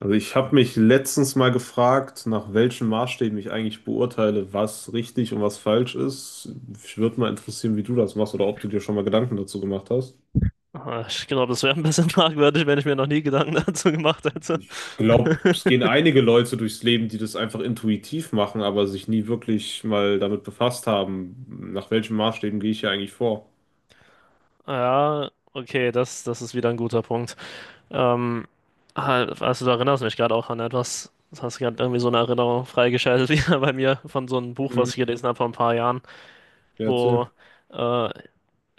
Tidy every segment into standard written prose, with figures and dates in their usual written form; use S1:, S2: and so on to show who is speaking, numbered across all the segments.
S1: Also ich habe mich letztens mal gefragt, nach welchen Maßstäben ich eigentlich beurteile, was richtig und was falsch ist. Ich würde mal interessieren, wie du das machst oder ob du dir schon mal Gedanken dazu gemacht hast.
S2: Ich glaube, das wäre ein bisschen fragwürdig, wenn ich mir noch nie Gedanken dazu gemacht hätte.
S1: Ich glaube, es gehen einige Leute durchs Leben, die das einfach intuitiv machen, aber sich nie wirklich mal damit befasst haben, nach welchen Maßstäben gehe ich hier eigentlich vor.
S2: Ja, okay, das ist wieder ein guter Punkt. Ähm, halt, also du erinnerst mich gerade auch an etwas. Du hast gerade irgendwie so eine Erinnerung freigeschaltet, wieder bei mir, von so einem Buch,
S1: Mhm.
S2: was ich gelesen habe vor ein paar Jahren,
S1: Ja,
S2: wo
S1: erzähl.
S2: äh,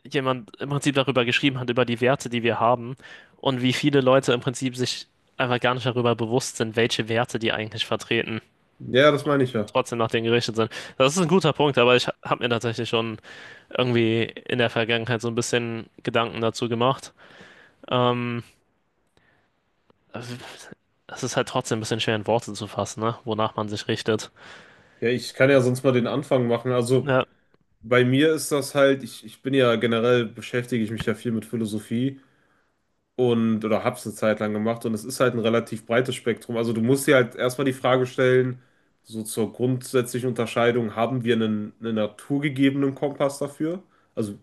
S2: jemand im Prinzip darüber geschrieben hat, über die Werte, die wir haben, und wie viele Leute im Prinzip sich einfach gar nicht darüber bewusst sind, welche Werte die eigentlich vertreten,
S1: Ja, das meine ich ja.
S2: trotzdem nach denen gerichtet sind. Das ist ein guter Punkt, aber ich habe mir tatsächlich schon irgendwie in der Vergangenheit so ein bisschen Gedanken dazu gemacht. Ähm, es ist halt trotzdem ein bisschen schwer in Worte zu fassen, ne? Wonach man sich richtet.
S1: Ja, ich kann ja sonst mal den Anfang machen. Also
S2: Ja,
S1: bei mir ist das halt, ich bin ja generell, beschäftige ich mich ja viel mit Philosophie und oder hab's eine Zeit lang gemacht, und es ist halt ein relativ breites Spektrum. Also du musst dir halt erstmal die Frage stellen, so zur grundsätzlichen Unterscheidung: haben wir einen naturgegebenen Kompass dafür? Also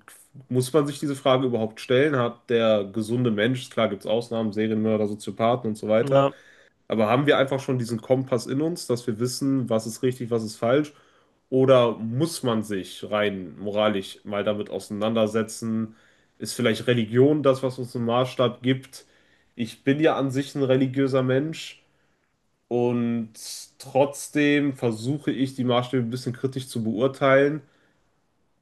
S1: muss man sich diese Frage überhaupt stellen? Hat der gesunde Mensch, klar gibt's Ausnahmen, Serienmörder, Soziopathen und so weiter,
S2: ja,
S1: aber haben wir einfach schon diesen Kompass in uns, dass wir wissen, was ist richtig, was ist falsch? Oder muss man sich rein moralisch mal damit auseinandersetzen? Ist vielleicht Religion das, was uns einen Maßstab gibt? Ich bin ja an sich ein religiöser Mensch und trotzdem versuche ich, die Maßstäbe ein bisschen kritisch zu beurteilen.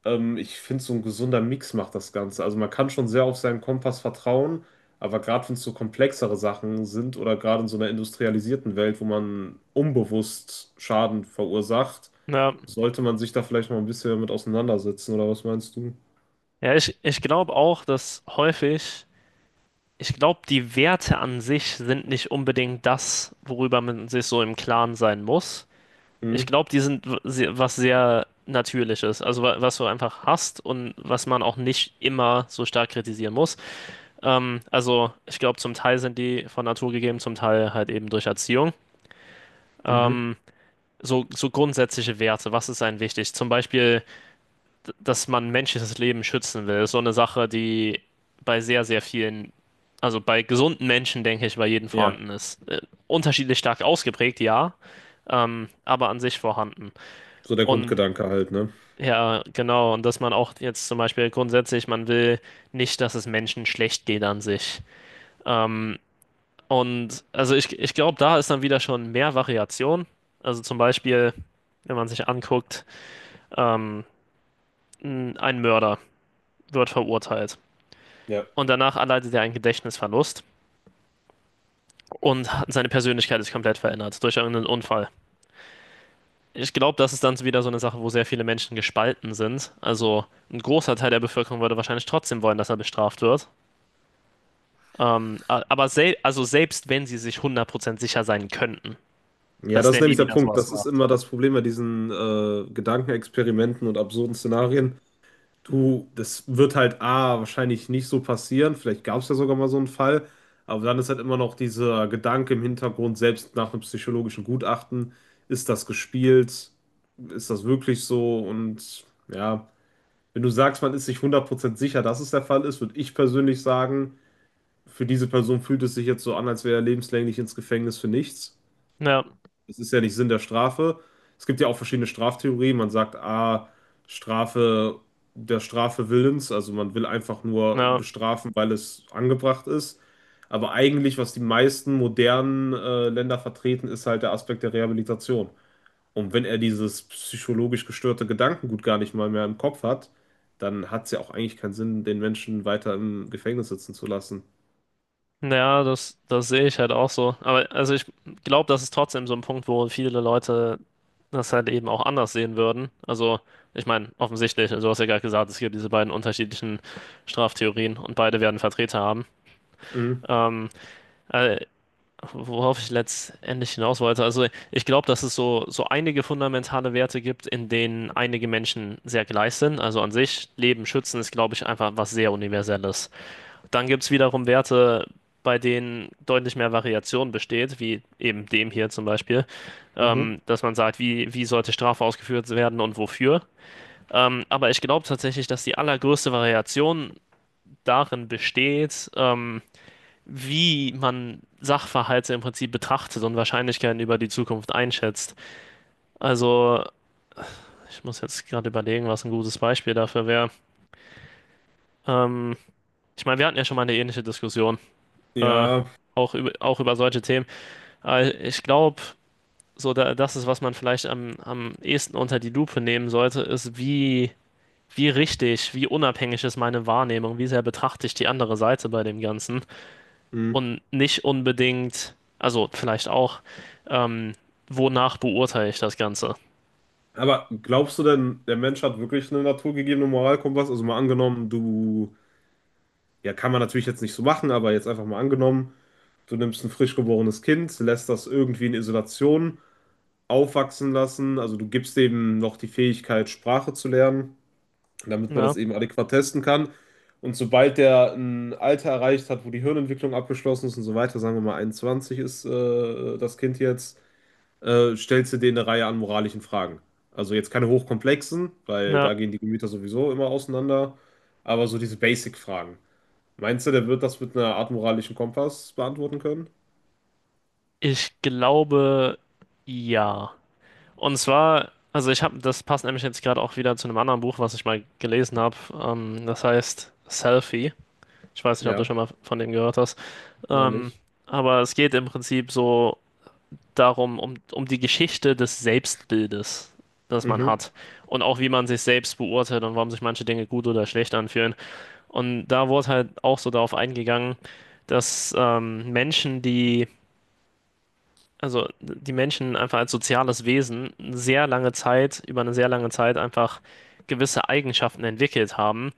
S1: Ich finde, so ein gesunder Mix macht das Ganze. Also man kann schon sehr auf seinen Kompass vertrauen, aber gerade wenn es so komplexere Sachen sind oder gerade in so einer industrialisierten Welt, wo man unbewusst Schaden verursacht,
S2: ja.
S1: sollte man sich da vielleicht mal ein bisschen mit auseinandersetzen, oder was meinst du?
S2: Ja, ich glaube auch, dass häufig, ich glaube, die Werte an sich sind nicht unbedingt das, worüber man sich so im Klaren sein muss. Ich
S1: Mhm.
S2: glaube, die sind was sehr Natürliches, also was du einfach hast und was man auch nicht immer so stark kritisieren muss. Also ich glaube, zum Teil sind die von Natur gegeben, zum Teil halt eben durch Erziehung.
S1: Mhm.
S2: Hm, So, so grundsätzliche Werte, was ist einem wichtig? Zum Beispiel, dass man menschliches Leben schützen will, ist so eine Sache, die bei sehr, sehr vielen, also bei gesunden Menschen, denke ich, bei jedem
S1: Ja,
S2: vorhanden ist. Unterschiedlich stark ausgeprägt, ja, aber an sich vorhanden.
S1: so der
S2: Und
S1: Grundgedanke halt, ne?
S2: ja, genau. Und dass man auch jetzt zum Beispiel grundsätzlich, man will nicht, dass es Menschen schlecht geht an sich. Ähm, und also ich glaube, da ist dann wieder schon mehr Variation. Also zum Beispiel, wenn man sich anguckt, ähm, ein Mörder wird verurteilt.
S1: Ja.
S2: Und danach erleidet er einen Gedächtnisverlust und seine Persönlichkeit ist komplett verändert durch irgendeinen Unfall. Ich glaube, das ist dann so wieder so eine Sache, wo sehr viele Menschen gespalten sind. Also ein großer Teil der Bevölkerung würde wahrscheinlich trotzdem wollen, dass er bestraft wird. Aber selbst wenn sie sich 100% sicher sein könnten,
S1: Ja,
S2: dass
S1: das ist
S2: der
S1: nämlich
S2: nie
S1: der
S2: wieder
S1: Punkt.
S2: sowas
S1: Das ist
S2: macht.
S1: immer das Problem bei diesen Gedankenexperimenten und absurden Szenarien. Du, das wird halt A, wahrscheinlich nicht so passieren. Vielleicht gab es ja sogar mal so einen Fall. Aber dann ist halt immer noch dieser Gedanke im Hintergrund, selbst nach einem psychologischen Gutachten, ist das gespielt? Ist das wirklich so? Und ja, wenn du sagst, man ist sich 100% sicher, dass es der Fall ist, würde ich persönlich sagen, für diese Person fühlt es sich jetzt so an, als wäre er lebenslänglich ins Gefängnis für nichts.
S2: Ja,
S1: Das ist ja nicht Sinn der Strafe. Es gibt ja auch verschiedene Straftheorien. Man sagt, ah, Strafe der Strafe willens, also man will einfach nur
S2: ja,
S1: bestrafen, weil es angebracht ist. Aber eigentlich, was die meisten modernen Länder vertreten, ist halt der Aspekt der Rehabilitation. Und wenn er dieses psychologisch gestörte Gedankengut gar nicht mal mehr im Kopf hat, dann hat es ja auch eigentlich keinen Sinn, den Menschen weiter im Gefängnis sitzen zu lassen.
S2: ja, das sehe ich halt auch so. Aber also ich glaube, das ist trotzdem so ein Punkt, wo viele Leute das halt eben auch anders sehen würden. Also ich meine, offensichtlich, also du hast ja gerade gesagt, es gibt diese beiden unterschiedlichen Straftheorien und beide werden Vertreter haben.
S1: Mhm.
S2: Ähm, äh, worauf ich letztendlich hinaus wollte. Also ich glaube, dass es so, so einige fundamentale Werte gibt, in denen einige Menschen sehr gleich sind. Also an sich, Leben schützen ist, glaube ich, einfach was sehr Universelles. Dann gibt es wiederum Werte, bei denen deutlich mehr Variation besteht, wie eben dem hier zum Beispiel,
S1: Mhm.
S2: dass man sagt, wie, wie sollte Strafe ausgeführt werden und wofür. Aber ich glaube tatsächlich, dass die allergrößte Variation darin besteht, wie man Sachverhalte im Prinzip betrachtet und Wahrscheinlichkeiten über die Zukunft einschätzt. Also, ich muss jetzt gerade überlegen, was ein gutes Beispiel dafür wäre. Ähm, ich meine, wir hatten ja schon mal eine ähnliche Diskussion, äh,
S1: Ja,
S2: auch über solche Themen. Ich glaube, das ist, was man vielleicht am, am ehesten unter die Lupe nehmen sollte, ist, wie, wie richtig, wie unabhängig ist meine Wahrnehmung, wie sehr betrachte ich die andere Seite bei dem Ganzen.
S1: mhm.
S2: Und nicht unbedingt, also vielleicht auch, ähm, wonach beurteile ich das Ganze?
S1: Aber glaubst du denn, der Mensch hat wirklich eine naturgegebene Moralkompass? Also mal angenommen, du, ja, kann man natürlich jetzt nicht so machen, aber jetzt einfach mal angenommen, du nimmst ein frisch geborenes Kind, lässt das irgendwie in Isolation aufwachsen lassen, also du gibst dem noch die Fähigkeit, Sprache zu lernen, damit man
S2: Ja,
S1: das eben adäquat testen kann. Und sobald der ein Alter erreicht hat, wo die Hirnentwicklung abgeschlossen ist und so weiter, sagen wir mal 21 ist das Kind jetzt, stellst du denen eine Reihe an moralischen Fragen. Also jetzt keine hochkomplexen, weil
S2: ja.
S1: da gehen die Gemüter sowieso immer auseinander, aber so diese Basic-Fragen. Meinst du, der wird das mit einer Art moralischen Kompass beantworten können?
S2: Ich glaube, ja. Und zwar, also ich habe, das passt nämlich jetzt gerade auch wieder zu einem anderen Buch, was ich mal gelesen habe. Das heißt Selfie. Ich weiß nicht, ob du
S1: Ja,
S2: schon mal von dem gehört hast.
S1: noch
S2: Ähm,
S1: nicht.
S2: aber es geht im Prinzip so darum, um die Geschichte des Selbstbildes, das man
S1: Mhm.
S2: hat. Und auch wie man sich selbst beurteilt und warum sich manche Dinge gut oder schlecht anfühlen. Und da wurde halt auch so darauf eingegangen, dass Menschen, die, also die Menschen einfach als soziales Wesen sehr lange Zeit, über eine sehr lange Zeit einfach gewisse Eigenschaften entwickelt haben,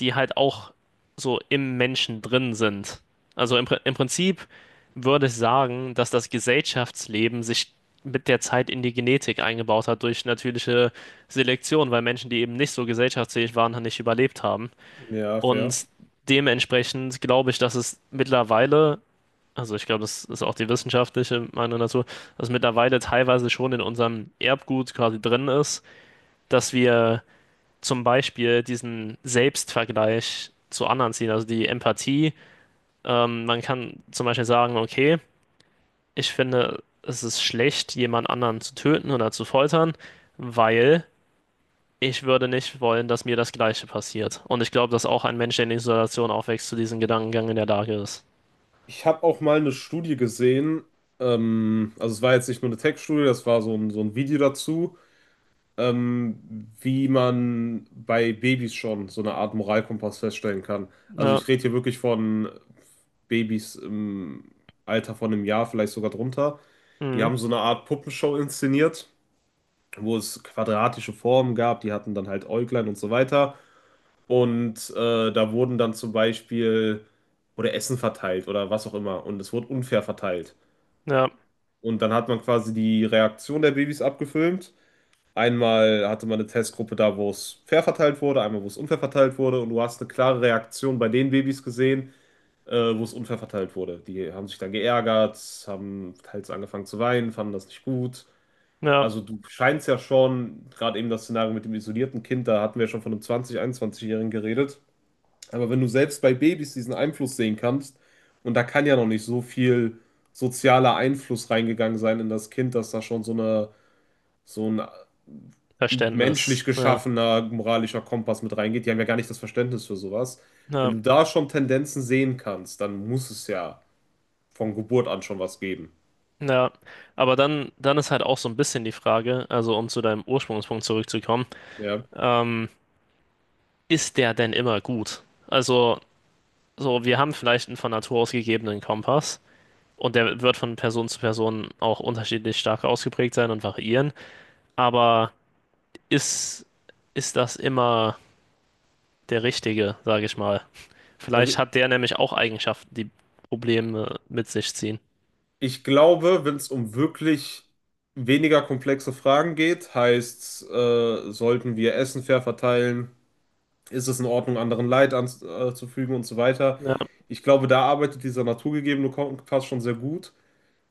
S2: die halt auch so im Menschen drin sind. Also im Prinzip würde ich sagen, dass das Gesellschaftsleben sich mit der Zeit in die Genetik eingebaut hat durch natürliche Selektion, weil Menschen, die eben nicht so gesellschaftsfähig waren, halt nicht überlebt haben.
S1: Ja, fair.
S2: Und dementsprechend glaube ich, dass es mittlerweile, also ich glaube, das ist auch die wissenschaftliche Meinung dazu, dass mittlerweile teilweise schon in unserem Erbgut quasi drin ist, dass wir zum Beispiel diesen Selbstvergleich zu anderen ziehen, also die Empathie. Man kann zum Beispiel sagen, okay, ich finde, es ist schlecht, jemand anderen zu töten oder zu foltern, weil ich würde nicht wollen, dass mir das Gleiche passiert. Und ich glaube, dass auch ein Mensch, der in Isolation aufwächst, zu diesem Gedankengang in der Lage ist.
S1: Ich habe auch mal eine Studie gesehen, also es war jetzt nicht nur eine Tech-Studie, das war so ein Video dazu. Wie man bei Babys schon so eine Art Moralkompass feststellen kann. Also
S2: Ja,
S1: ich rede hier wirklich von Babys im Alter von einem Jahr, vielleicht sogar drunter. Die
S2: mhm.
S1: haben so eine Art Puppenshow inszeniert, wo es quadratische Formen gab, die hatten dann halt Äuglein und so weiter. Und da wurden dann zum Beispiel oder Essen verteilt oder was auch immer. Und es wurde unfair verteilt.
S2: Ja,
S1: Und dann hat man quasi die Reaktion der Babys abgefilmt. Einmal hatte man eine Testgruppe da, wo es fair verteilt wurde, einmal, wo es unfair verteilt wurde. Und du hast eine klare Reaktion bei den Babys gesehen, wo es unfair verteilt wurde. Die haben sich dann geärgert, haben teils angefangen zu weinen, fanden das nicht gut.
S2: ja,
S1: Also du scheinst ja schon, gerade eben das Szenario mit dem isolierten Kind, da hatten wir ja schon von einem 20-, 21-Jährigen geredet. Aber wenn du selbst bei Babys diesen Einfluss sehen kannst, und da kann ja noch nicht so viel sozialer Einfluss reingegangen sein in das Kind, dass da schon so eine, so ein
S2: Verständnis.
S1: menschlich
S2: Ja,
S1: geschaffener moralischer Kompass mit reingeht. Die haben ja gar nicht das Verständnis für sowas. Wenn
S2: ja,
S1: du da schon Tendenzen sehen kannst, dann muss es ja von Geburt an schon was geben.
S2: ja. Aber dann ist halt auch so ein bisschen die Frage, also um zu deinem Ursprungspunkt zurückzukommen,
S1: Ja.
S2: ähm, ist der denn immer gut? Also, so, wir haben vielleicht einen von Natur aus gegebenen Kompass. Und der wird von Person zu Person auch unterschiedlich stark ausgeprägt sein und variieren. Aber ist, ist das immer der Richtige, sage ich mal.
S1: Also
S2: Vielleicht hat der nämlich auch Eigenschaften, die Probleme mit sich ziehen.
S1: ich glaube, wenn es um wirklich weniger komplexe Fragen geht, heißt, sollten wir Essen fair verteilen? Ist es in Ordnung, anderen Leid anzufügen und so weiter?
S2: Ja,
S1: Ich glaube, da arbeitet dieser naturgegebene Kompass schon sehr gut.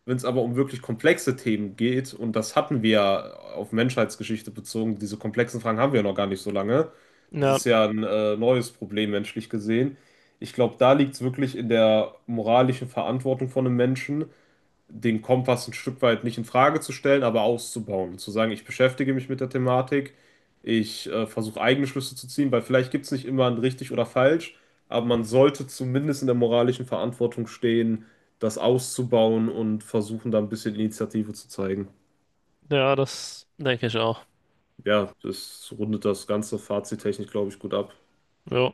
S1: Wenn es aber um wirklich komplexe Themen geht, und das hatten wir ja auf Menschheitsgeschichte bezogen, diese komplexen Fragen haben wir ja noch gar nicht so lange. Das
S2: ja,
S1: ist ja ein neues Problem menschlich gesehen. Ich glaube, da liegt es wirklich in der moralischen Verantwortung von einem Menschen, den Kompass ein Stück weit nicht in Frage zu stellen, aber auszubauen. Zu sagen, ich beschäftige mich mit der Thematik, ich versuche eigene Schlüsse zu ziehen, weil vielleicht gibt es nicht immer ein richtig oder falsch, aber man sollte zumindest in der moralischen Verantwortung stehen, das auszubauen und versuchen, da ein bisschen Initiative zu zeigen.
S2: ja, das denke ich auch.
S1: Ja, das rundet das ganze Fazittechnisch, glaube ich, gut ab.
S2: Jo.